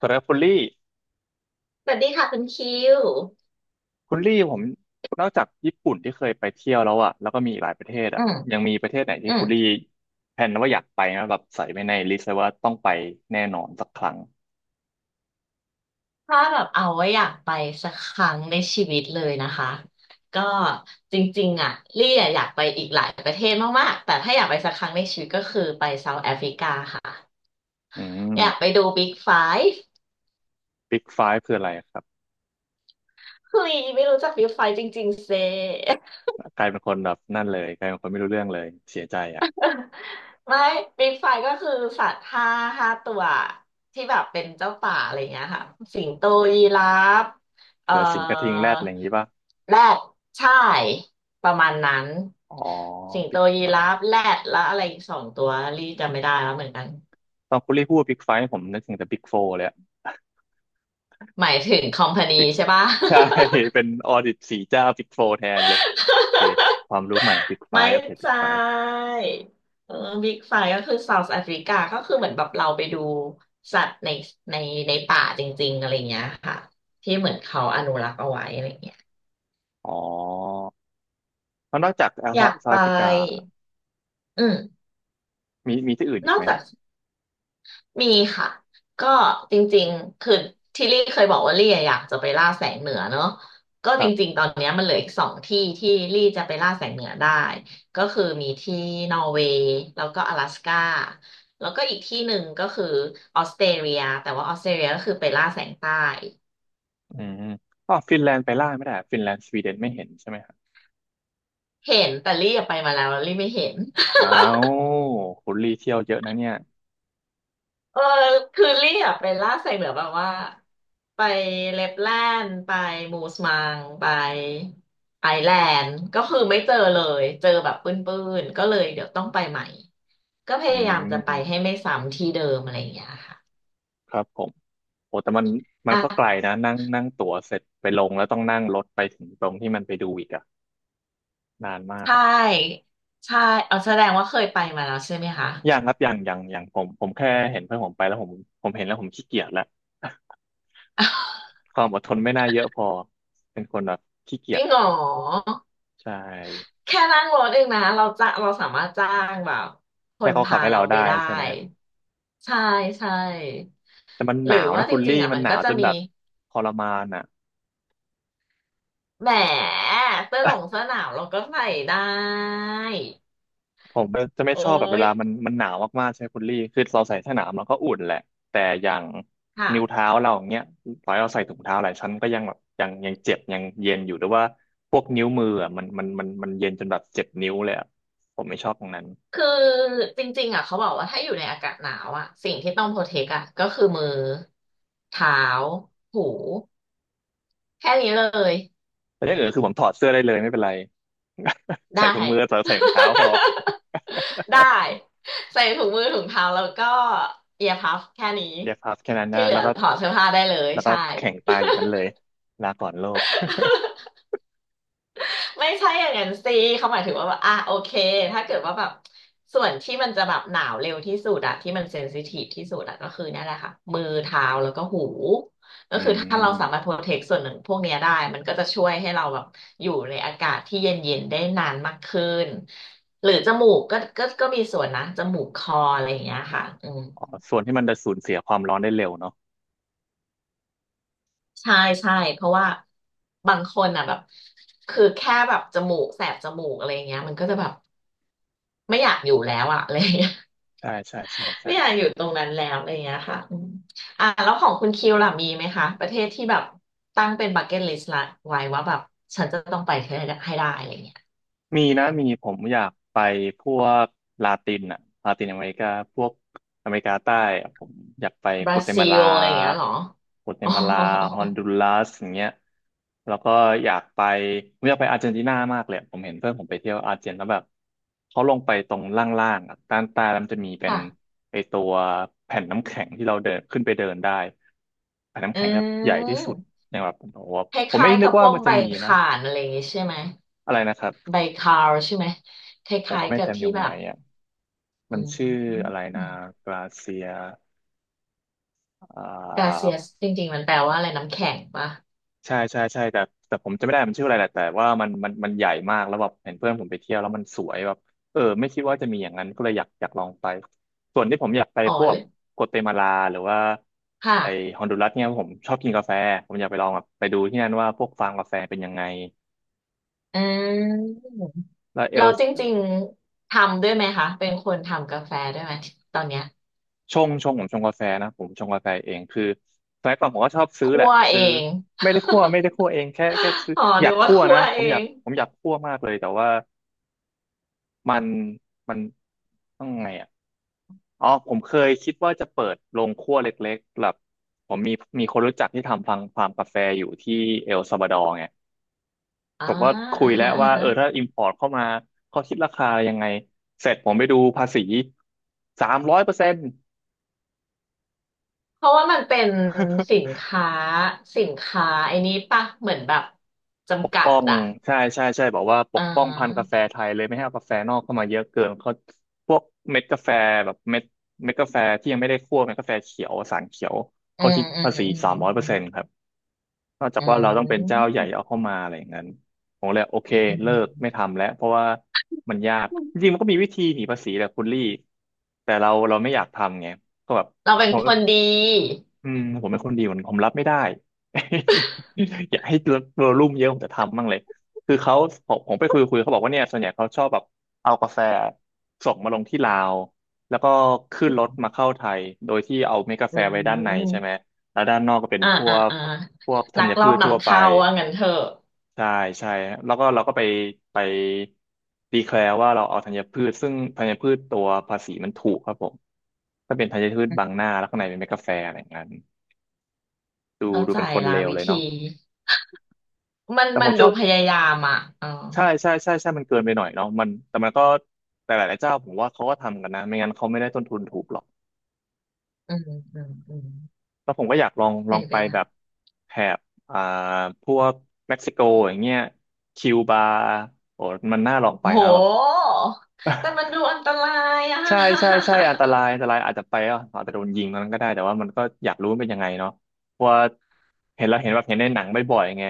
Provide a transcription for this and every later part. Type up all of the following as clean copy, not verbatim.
สำหรับคุณลี่สวัสดีค่ะคุณคิว คุณลี่ผมนอกจากญี่ปุ่นที่เคยไปเที่ยวแล้วแล้วก็มีอีกหลายประเทศอืม ยังมีประเทศไหนที่อืม คุณลี่แผนว่าอยากไปไหมแบบใส่ไว้ในลิสต์ไว้ว่าต้องไปแน่นอนสักครั้งถ้าแบบเอาไว้อยากไปสักครั้งในชีวิตเลยนะคะ ก็จริงๆอ่ะลี่อะอยากไปอีกหลายประเทศมากๆ แต่ถ้าอยากไปสักครั้งในชีวิตก็คือไปเซาท์แอฟริกาค่ะ อืมอยากไปดูบิ๊กไฟว์บิ๊กไฟว์คืออะไรครับเฮ้ยไม่รู้จักบิ๊กไฟว์จริงๆเซ กลายเป็นคนแบบนั่นเลยกลายเป็นคนไม่รู้เรื่องเลยเสียใจอ่ะไม่บิ๊กไฟก็คือสัตว์ห้าห้าตัวที่แบบเป็นเจ้าป่าอะไรเงี้ยค่ะสิงโตยีราฟเอ่อเกิดสิงกระทิงแรดอะไรอย่างนี้ป่ะแรดใช่ประมาณนั้นอ๋อสิงโตบิ๊กยีไฟราว์ฟแรดแล้วอะไรอีกสองตัวรีจำไม่ได้แล้วเหมือนกันตอนคุณลี่พูดบิ๊กไฟว์ผมนึกถึงแต่บิ๊กโฟร์เลยอะ หมายถึงคอมพา นี Big ใช่ปะ ใช่ เป็นออดิตสี่เจ้าบิ๊กโฟร์แทนเลยโอเค ความรู้ใหม่บิ๊กไฟไม่ว์โอเคบิ๊กใช่ไฟว์ เออบิ๊กไฟก็คือเซาท์แอฟริกาก็คือเหมือนแบบเราไปดูสัตว์ในในในป่าจริงๆอะไรเงี้ยค่ะที่เหมือนเขาอนุรักษ์เอาไว้อะไรเงี้ยอ๋อแล้วนอกจากแอลอยาเซาท์กแไปอฟริกาอืมมีที่อื่นอีนกอกไหมจาก มีค่ะก็จริงๆคือที่ลี่เคยบอกว่าลี่อะอยากจะไปล่าแสงเหนือเนอะก็คจรัริงบๆตอนเนี้ยมันเหลืออีกสองที่ที่ลี่จะไปล่าแสงเหนือได้ก็คือมีที่นอร์เวย์แล้วก็阿拉斯ก้าแล้วก็อีกที่หนึ่งก็คือออสเตรเลียแต่ว่าออสเตรเลียก็คือไปล่าแสงใต้อืมอ๋อฟินแลนด์ไปล่าไม่ได้ฟินแลนด์สวีเดนไม่เห็นใช่ไหมครับเห็นแต่ลี่อะไปมาแล้วแล้วลี่ไม่เห็น อ้าวคุณรีเที่ยวเยอะนะเนี่ยเออคือลี่อะไปล่าไซเบอร์แบบว่าไปเลปแลนด์ไปมูสมังไปไอแลนด์ก็คือไม่เจอเลยเจอแบบปื้นๆก็เลยเดี๋ยวต้องไปใหม่ก็พอืยายามจะไปมให้ไม่ซ้ำที่เดิมอะไรอย่างเงี้ยค่ะครับผมโอ้แต่มันมันก็ไกลอ่ะนะนั่งนั่งตั๋วเสร็จไปลงแล้วต้องนั่งรถไปถึงตรงที่มันไปดูอีกอะนานมาใชกอะ่ใช่เอาแสดงว่าเคยไปมาแล้วใช่ไหมคะ อย่างครับอย่างผมแค่เห็นเพื่อนผมไปแล้วผมผมเห็นแล้วผมขี้เกียจแล้ว ความอดทนไม่น่าเยอะพอเป็นคนแบบขี้จเกียริจงเหรอใช่แค่นั่งรถเองนะเราจะเราสามารถจ้างแบบคให้นเขาขัพาบให้เราเราไปได้ได้ใช่ไหม ใช่ใช่แต่มันหหรืนาอวว่านะจคุณริลี่งๆอ่ะมันมันหนาก็วจะจนมี แบบทรมานอ่ะ แหมเสื้อหนงเสื้ อหนาวเราก็ใส่ได้ผมจะไม่โอ้ชอบแบบเวยลามันหนาวมากๆใช่ไหมคุณลี่คือเราใส่เสื้อหนาวมันก็อุ่นแหละแต่อย่างนิ้วค่ะเท้าเราอย่างเงี้ยต่อให้เราใส่ถุงเท้าหลายชั้นก็ยังแบบยังเจ็บยังเย็นอยู่หรือว่าพวกนิ้วมืออ่ะมันเย็นจนแบบเจ็บนิ้วเลยอะผมไม่ชอบตรงนั้นคือจริงๆอ่ะเขาบอกว่าถ้าอยู่ในอากาศหนาวอ่ะสิ่งที่ต้องโปรเทคอ่ะก็คือมือเท้าหูแค่นี้เลยแต่อย่างอื่นคือผมถอดเสื้อได้เลยไม่เป็นไร ได้ ใส่ถุงมือใส่ถุงเท้าพอ ได้ใส่ถุงมือถุงเท้าแล้วก็เอียร์พัฟแค่นี้เย็บพับแค่นั้นที่นะเหลืแล้อวก็ถอดเสื้อผ้าได้เลยแล้วก็ใช่ แข่งตายอย่างนั้นเลยลาก่อนโลก ไม่ใช่อย่างนั้นสิเขาหมายถึงว่าแบบอ่ะโอเคถ้าเกิดว่าแบบส่วนที่มันจะแบบหนาวเร็วที่สุดอะที่มันเซนซิทีฟที่สุดอะก็คือเนี่ยแหละค่ะมือเท้าแล้วก็หูก็อืคือถ้าเราสามารถโปม รเทคส่วนหนึ่งพวกเนี้ยได้มันก็จะช่วยให้เราแบบอยู่ในอากาศที่เย็นๆได้นานมากขึ้นหรือจมูกก็มีส่วนนะจมูกคออะไรอย่างเงี้ยค่ะอืมอ๋อส่วนที่มันจะสูญเสียความร้อนได้เร็วเนาะใช่ใช่เพราะว่าบางคนอ่ะแบบคือแค่แบบจมูกแสบจมูกอะไรอย่างเงี้ยมันก็จะแบบไม่อยากอยู่แล้วอ่ะอะไรอย่างเงี้ย ใช่ ใช่ ใช่ใช่ไม่อยากอใช่ ยู่ตรงนั้นแล้วอะไรอย่างเงี้ยค่ะอืมอ่าแล้วของคุณคิวล่ะมีไหมคะประเทศที่แบบตั้งเป็นบักเก็ตลิสต์ละไว้ว่าแบบฉันจะต้องไปให้ได้ให้ได้อะไรอย่างเงี้ยมีนะมีผมอยากไปพวกลาตินอ่ะลาตินอเมริกาพวกอเมริกาใต้อะผมอยากไปบโกราเตซิมาลลาอะไรอย่างเงี้ยเหรอโกเตอ๋อมาลาฮอนดูรัสอย่างเงี้ยแล้วก็อยากไปผมอยากไปอาร์เจนตินามากเลยอะผมเห็นเพื่อนผมไปเที่ยวอาร์เจนแล้วแบบเขาลงไปตรงล่างๆอ่ะด้านใต้แล้วมันจะมีเป็นค่ะไอตัวแผ่นน้ำแข็งที่เราเดินขึ้นไปเดินได้แผ่นน้ำอืแข็งแบบใหญ่ที่สุดมในแบบผมบอกว่าคผมไม่ล้ายๆนึกักบพว่าวกมันใบจะมีนะข่านอะไรอย่างงี้ใช่ไหมอะไรนะครับใบคาวใช่ไหมคผมล้าก็ยๆไม่กับจำอที่ยู่ตรแบงไหนบอ่ะ มัอืนชื่ออะมไรนะกราเซียอ่กาเซีายสจริงๆมันแปลว่าอะไรน้ำแข็งปะใช่ใช่แต่แต่ผมจำไม่ได้มันชื่ออะไรแหละแต่ว่ามันใหญ่มากแล้วแบบเห็นเพื่อนผมไปเที่ยวแล้วมันสวยแบบเออไม่คิดว่าจะมีอย่างนั้นก็เลยอยากลองไปส่วนที่ผมอยากไปอ๋อพวเลกยโกเตมาลาหรือว่าไอค่ะ ฮอนดูรัสเนี่ยผมชอบกินกาแฟผมอยากไปลองแบบไปดูที่นั่นว่าพวกฟาร์มกาแฟเป็นยังไงอ่าแล้วเอเราล จริงๆทำด้วยไหมคะเป็นคนทำกาแฟด้วยไหมตอนเนี้ยชงผมชงกาแฟนะผมชงกาแฟเองคือสมัยก่อนผมก็ชอบซื้อแหคั่ละวเอซื้อง ไม่ได้คั่วไม่ได้คั่วเองแค่ซื้อ อ๋อหอรืยาอกว่าคั่วคั่นะวผเอมอยางกผมอยากคั่วมากเลยแต่ว่ามันมันต้องไงอ่ะอ๋อผมเคยคิดว่าจะเปิดโรงคั่วเล็กๆแบบผมมีมีคนรู้จักที่ทำฟาร์มกาแฟอยู่ที่เอลซัลวาดอร์ไงผอ่ามก็คุอ่ายแล้ฮะวอ่าว่าฮะเออถ้าอิมพอร์ตเข้ามาเขาคิดราคายังไงเสร็จผมไปดูภาษีสามร้อยเปอร์เซ็นต์ เพราะว่ามันเป็นสินค้าสินค้าไอ้นี้ปะเหมือนแบบจำกัดป้องอะใช่ใช่บอกว่าปกอ่าป้องพันธุ์กาแฟไทยเลยไม่ให้เอากาแฟนอกเข้ามาเยอะเกินเขาพวกเม็ดกาแฟแบบเม็ดกาแฟที่ยังไม่ได้คั่วเม็ดกาแฟเขียวสารเขียวอืเขามคิดอืภามษีอืสามร้อยเปอร์เซ็นต์มครับนอกจาอืกว่าเราต้องเป็นเจ้ามใหญ่เอาเข้ามาอะไรอย่างนั้นผมเลยโอเคอืเลิกไม่มทำแล้วเพราะว่ามันยากอืมจริงๆมันก็มีวิธีหนีภาษีแหละคุณลี่แต่เราไม่อยากทำไงก็แบบเราบางเป็นคนคก็ นดีอืมผมเป็นคนดีกว่านั้นผมรับไม่ได้ อยากให้โรลลุ่มเยอะผมจะทำบ้างเลยคือเขาผมไปคุยเขาบอกว่าเนี่ยส่วนใหญ่เขาชอบแบบเอากาแฟส่งมาลงที่ลาวแล้วก็ขึ้นรถมาเข้าไทยโดยที่เอาเม็ดกาอืแฟไว้ด้านในใช่ไหมมแล้วด้านนอกก็เป็นอ่าพวอ่ากอ่าพวกธัลักญลอพืบชทั่วนำไปเข้าว่างั้นเถอะ ใช่ใช่แล้วก็เราก็ไปดีแคลร์ว่าเราเอาธัญพืชซึ่งธัญพืชตัวภาษีมันถูกครับผมถ้าเป็นธัญพืชบางหน้าแล้วข้างในเป็นเม็ดกาแฟอะไรอย่างนั้น ดูเข้าดูใจเป็นคนละเลววิเลยเนาะธีมันแต่ผมันมชดูอบพยายามอ่ะอ๋อใช่ใช่ใช่ใช่มันเกินไปหน่อยเนาะมันแต่มันก็แต่หลาย ๆ เจ้าผมว่าเขาก็ทำกันนะไม่งั้นเขาไม่ได้ต้นทุนถูกหรอกอืมอืมอืมแล้วผมก็อยากลองลเป็อนงไปไปได้แบบแถบอ่าพวกเม็กซิโกอย่างเงี้ยคิวบาโอ้มันน่าลองไปโอ้โหนะแบบ แต่ มันดูอันตรายอ่ะ ใช่ใช่ใช่อันตรายอันตรายอาจจะไปอ่ะอาจจะโดนยิงตอนนั้นก็ได้แต่ว่ามันก็อยากรู้มันเป็นยังไงเนาะเพราะว่าเห็นเราเห็นแบบเห็นในหนังบ่อยๆไง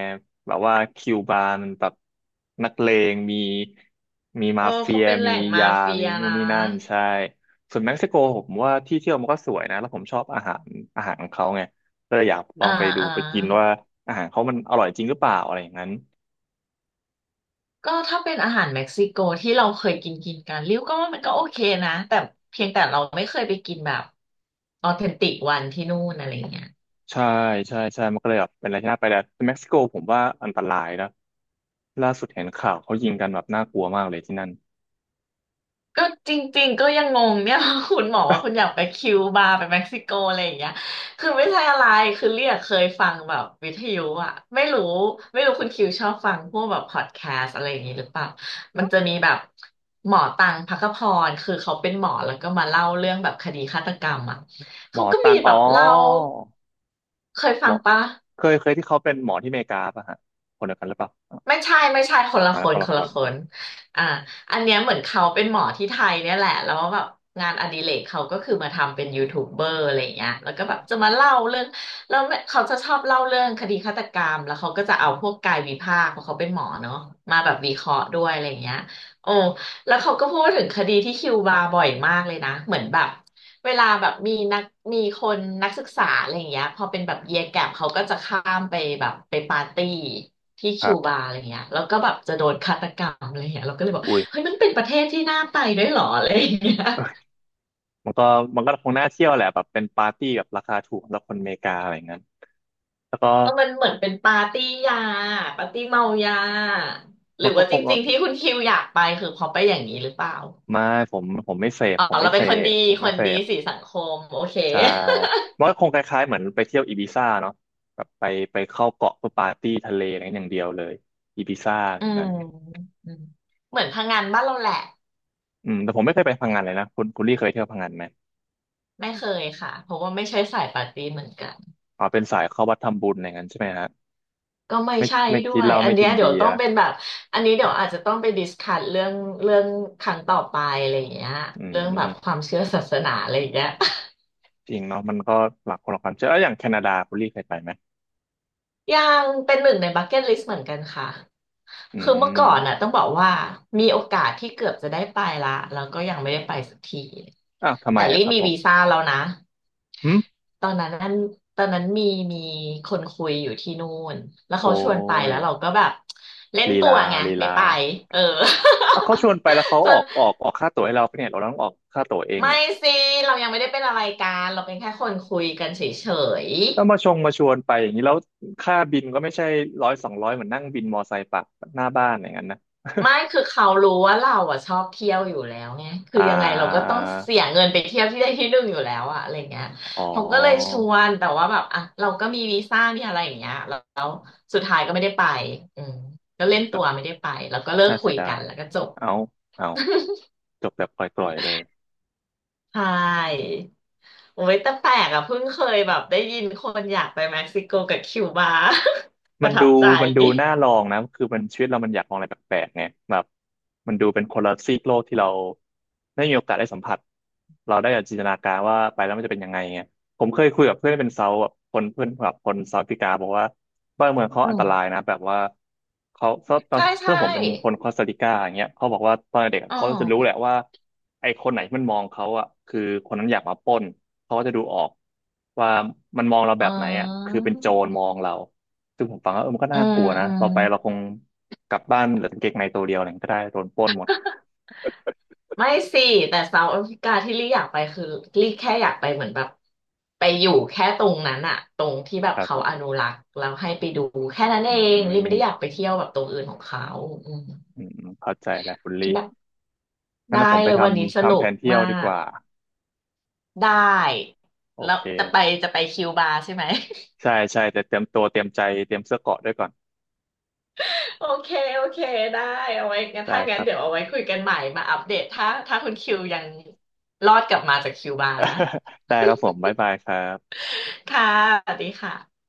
แบบว่าคิวบาร์มันแบบนักเลงมี เอมาอเฟีเขายเป็นแหมีล่งมายา เฟียมีนู่นนะนี่นั่นใช่ส่วนเม็กซิโกผมว่าที่เที่ยวมันก็สวยนะแล้วผมชอบอาหารของเขาไงก็เลยอยากลออ่างไปดูอ่าไปกินว่าอาหารเขามันอร่อยจริงหรือเปล่าอะไรอย่างนั้น ก็ถ้าเป็นอาหารเม็กซิโกที่เราเคยกินกินกันริ้วก็ว่ามันก็โอเคนะแต่เพียงแต่เราไม่เคยไปกินแบบออเทนติกวันที่นู่นอะไรอย่างเงี้ย ใช่ใช่ใช่มันก็เลยแบบเป็นอะไรที่น่าไปแต่เม็กซิโกผมว่าอันตรายนะล่าสุดเห็นข่าวเขายิงกันแบบน่ากลัวมากเลยที่นั่นก็จริงๆก็ยังงงเนี่ย คุณหมอว่าคุณอยากไปคิวบาไปเม็กซิโกอะไรอย่างเงี้ยคือไม่ใช่อะไรคือเรียกเคยฟังแบบวิทยุอะไม่รู้ไม่รู้คุณคิวชอบฟังพวกแบบพอดแคสต์อะไรอย่างงี้หรือเปล่ามันจะมีแบบหมอตังภัคพรคือเขาเป็นหมอแล้วก็มาเล่าเรื่องแบบคดีฆาตกรรมอะหมเขาอก็มีตังแบอ๋อบเล่าเคยหฟัมงอปะ เคยที่เขาเป็นหมอที่อเมริกาป่ะฮะคนเดียวกันหรือเปล่าอไม่ใช่ไม่ใช่คนละ่าคคนนคละนคละนคกันนอ่าอันเนี้ยเหมือนเขาเป็นหมอที่ไทยเนี่ยแหละแล้วแบบงานอดิเรกเขาก็คือมาทำเป็นยูทูบเบอร์อะไรอย่างเงี้ยแล้วก็แบบจะมาเล่าเรื่องแล้วเขาจะชอบเล่าเรื่องคดีฆาตกรรมแล้วเขาก็จะเอาพวกกายวิภาคเพราะเขาเป็นหมอเนาะมาแบบวิเคราะห์ด้วยอะไรอย่างเงี้ยโอ้แล้วเขาก็พูดถึงคดีที่คิวบาบ่อยมากเลยนะเหมือนแบบเวลาแบบมีคนนักศึกษาอะไรอย่างเงี้ยพอเป็นแบบเยียแกปเขาก็จะข้ามไปแบบไปปาร์ตี้ ที่คคิรัวบบาอะไรเงี้ยแล้วก็แบบจะโดนฆาตกรรมอะไรเงี้ยเราก็เลยบอกอุ้ยเฮ้ยมันเป็นประเทศที่น่าไปด้วยเหรออะไรเงี้ยมันก็มันก็คงน่าเที่ยวแหละแบบเป็นปาร์ตี้แบบราคาถูกสำหรับคนอเมริกาอะไรอย่างนั้นแล้วก็แล้วมันเหมือนเป็นปาร์ตี้ยาปาร์ตี้เมายาหรืมัอนก็ว่าคจงริงๆที่คุณคิวอยากไปคือเพอไปอย่างนี้หรือเปล่าไม่ผมไม่เสพอ๋อผมไม่เราเป็เสนคนดีพผมคไม่นเสดีพ สีสังคมโอเคใช่มันก็คงคล้ายๆเหมือนไปเที่ยวอีบิซ่าเนาะแบบไปเข้าเกาะเพื่อปาร์ตี้ทะเลอะไรอย่างเดียวเลยอีบิซ่าออืย่างมนั้นอืมเหมือนพังงานบ้านเราแหละอืมแต่ผมไม่เคยไปพังงานเลยนะคุณลี่เคยเที่ยวพังงานไหมไม่เคยค่ะเพราะว่าไม่ใช่สายปาร์ตี้เหมือนกัน อ๋อเป็นสายเข้าวัดทำบุญอะไรอย่างนั้นใช่ไหมฮะก็ไม่ไม่ใช่ไม่ด้กินวย เหล้าอันไม่เนี้กิยนเดี๋ยวเบียต้องร์เป็นแบบ อันนี้เดี๋ยวอาจจะต้องไปดิสคัสเรื่องครั้งต่อไปอะไรอย่างเงี้ยอืเรื่องแบบความมเชื่อศาสนาอะไรอย่างเงี้ย จริงเนาะมันก็หลักคนละความเชื่อแล้วอย่างแคนาดาคุณลี่เคยไปไหมยังเป็นหนึ่งในบักเก็ตลิสต์เหมือนกันค่ะอืคือเมื่อมก่อนน่ะต้องบอกว่ามีโอกาสที่เกือบจะได้ไปละแล้วก็ยังไม่ได้ไปสักทีอ้าวทำไมแต่รีอะบครับมีผมวีซ่าแล้วนะหึตอนนั้นนั่นตอนนั้นมีคนคุยอยู่ที่นู่นแล้วโอ้เขาชวนไปยแล้วเราก็แบบเล่นลีตัลาวไงลีไม่ลาไปเออ อ่ะเขาชวนไปแล้วเขา จอนอกออกออกค่าตั๋วให้เราปะเนี่ยเราต้องออกค่าตั๋วเองไม่เนี่ย สิเรายังไม่ได้เป็นอะไรกันเราเป็นแค่คนคุยกันเฉย ถ้ามาชงมาชวนไปอย่างนี้แล้วค่าบินก็ไม่ใช่ร้อยสองร้อยเหมือนนั่งบินมอไซค์ปักหน้าบ้านอย่างนั้นนะไม่คือเขารู้ว่าเราอ่ะชอบเที่ยวอยู่แล้วไงคือ่อยังไงเราก็าต้องเสียเงินไปเที่ยวที่ได้ ที่หนึ่งอยู่แล้วอะอะไรเงี้ยอ๋อเขาก็เลยชวนแต่ว่าแบบอ่ะเราก็มีวีซ่ามีอะไรอย่างเงี้ยแล้วสุดท้ายก็ไม่ได้ไปอืมก็อืเล่มนจตับวเลไม่ยได้ไปแล้วก็เลิกน่าคุเสียยดากันยแล้วก็จบเอาเอาจบแบบปล่อยๆเลย ใช่โอ้ยแต่แปลกอะเพิ่งเคยแบบได้ยินคนอยากไปเม็กซิโกกับคิวบา ปมัระนทัดูบใจมันดูน่าลองนะคือมันชีวิตเรามันอยากลองอะไรแปลกๆไงแบบมันดูเป็นคนละซีกโลกที่เราได้มีโอกาสได้สัมผัสเราได้จินตนาการว่าไปแล้วมันจะเป็นยังไงไงผมเคยคุยกับเพื่อนเป็นเซาท์แบบคนเพื่อนแบบคนเซาท์แอฟริกาบอกว่าบ้านเมืองเขาอือันมตรายนะแบบว่าเขาตอนใช่เพื่ใช่อนผมเป็นคนคอสตาริกาอย่างเงี้ยเขาบอกว่าตอนเด็กอะอ๋อเขาจะรู้แหละว่าไอ้คนไหนที่มันมองเขาอ่ะคือคนนั้นอยากมาปล้นเขาก็จะดูออกว่ามันมองเราอ๋แบอบไหนอ่ะคือเป็นโจรมองเรา ซึ่งผมฟังแล้วเออมันก็อืน่ามกลัวอืนะม ต่อไปเราคงกลับบ้านเหลือกางเกงในตัวเดียวอะไรก็ได้โดนปล้นหมดไม่สิแต่เซาท์แอฟริกาที่ลี่อยากไปคือลี่แค่อยากไปเหมือนแบบไปอยู่แค่ตรงนั้นอะตรงที่แบบครับเขาผอมนุรักษ์แล้วให้ไปดูแค่นั้นเออืมงอืลี่ไม่มได้อยากไปเที่ยวแบบตรงอื่นของเขาอืมอืมอเข้าใจแล้วคุณคิลี่ดแบบงั้นได้นะผมไปเลยทวันนี้สำนุทำแผกนเที่ยมาวดีกว่ากได้โอแล้วเคจะไปจะไปคิวบาใช่ไหม ใช่ใช่แต่เตรียมตัวเตรียมใจเตรียมเสื้อเกราะด้วยก่อน โอเคโอเคได้เอาไว้งั้นได้ถ้าคงั้นรับเดี๋ยผวเอาไว้ม คุยกันใหม่มาอัปเดตถ้าถ้าคุณคิวยังรอดกลับมาจากคิวบานะ ได้ครับผมบ๊ายบายครับค่ะสวัสดีค่ะ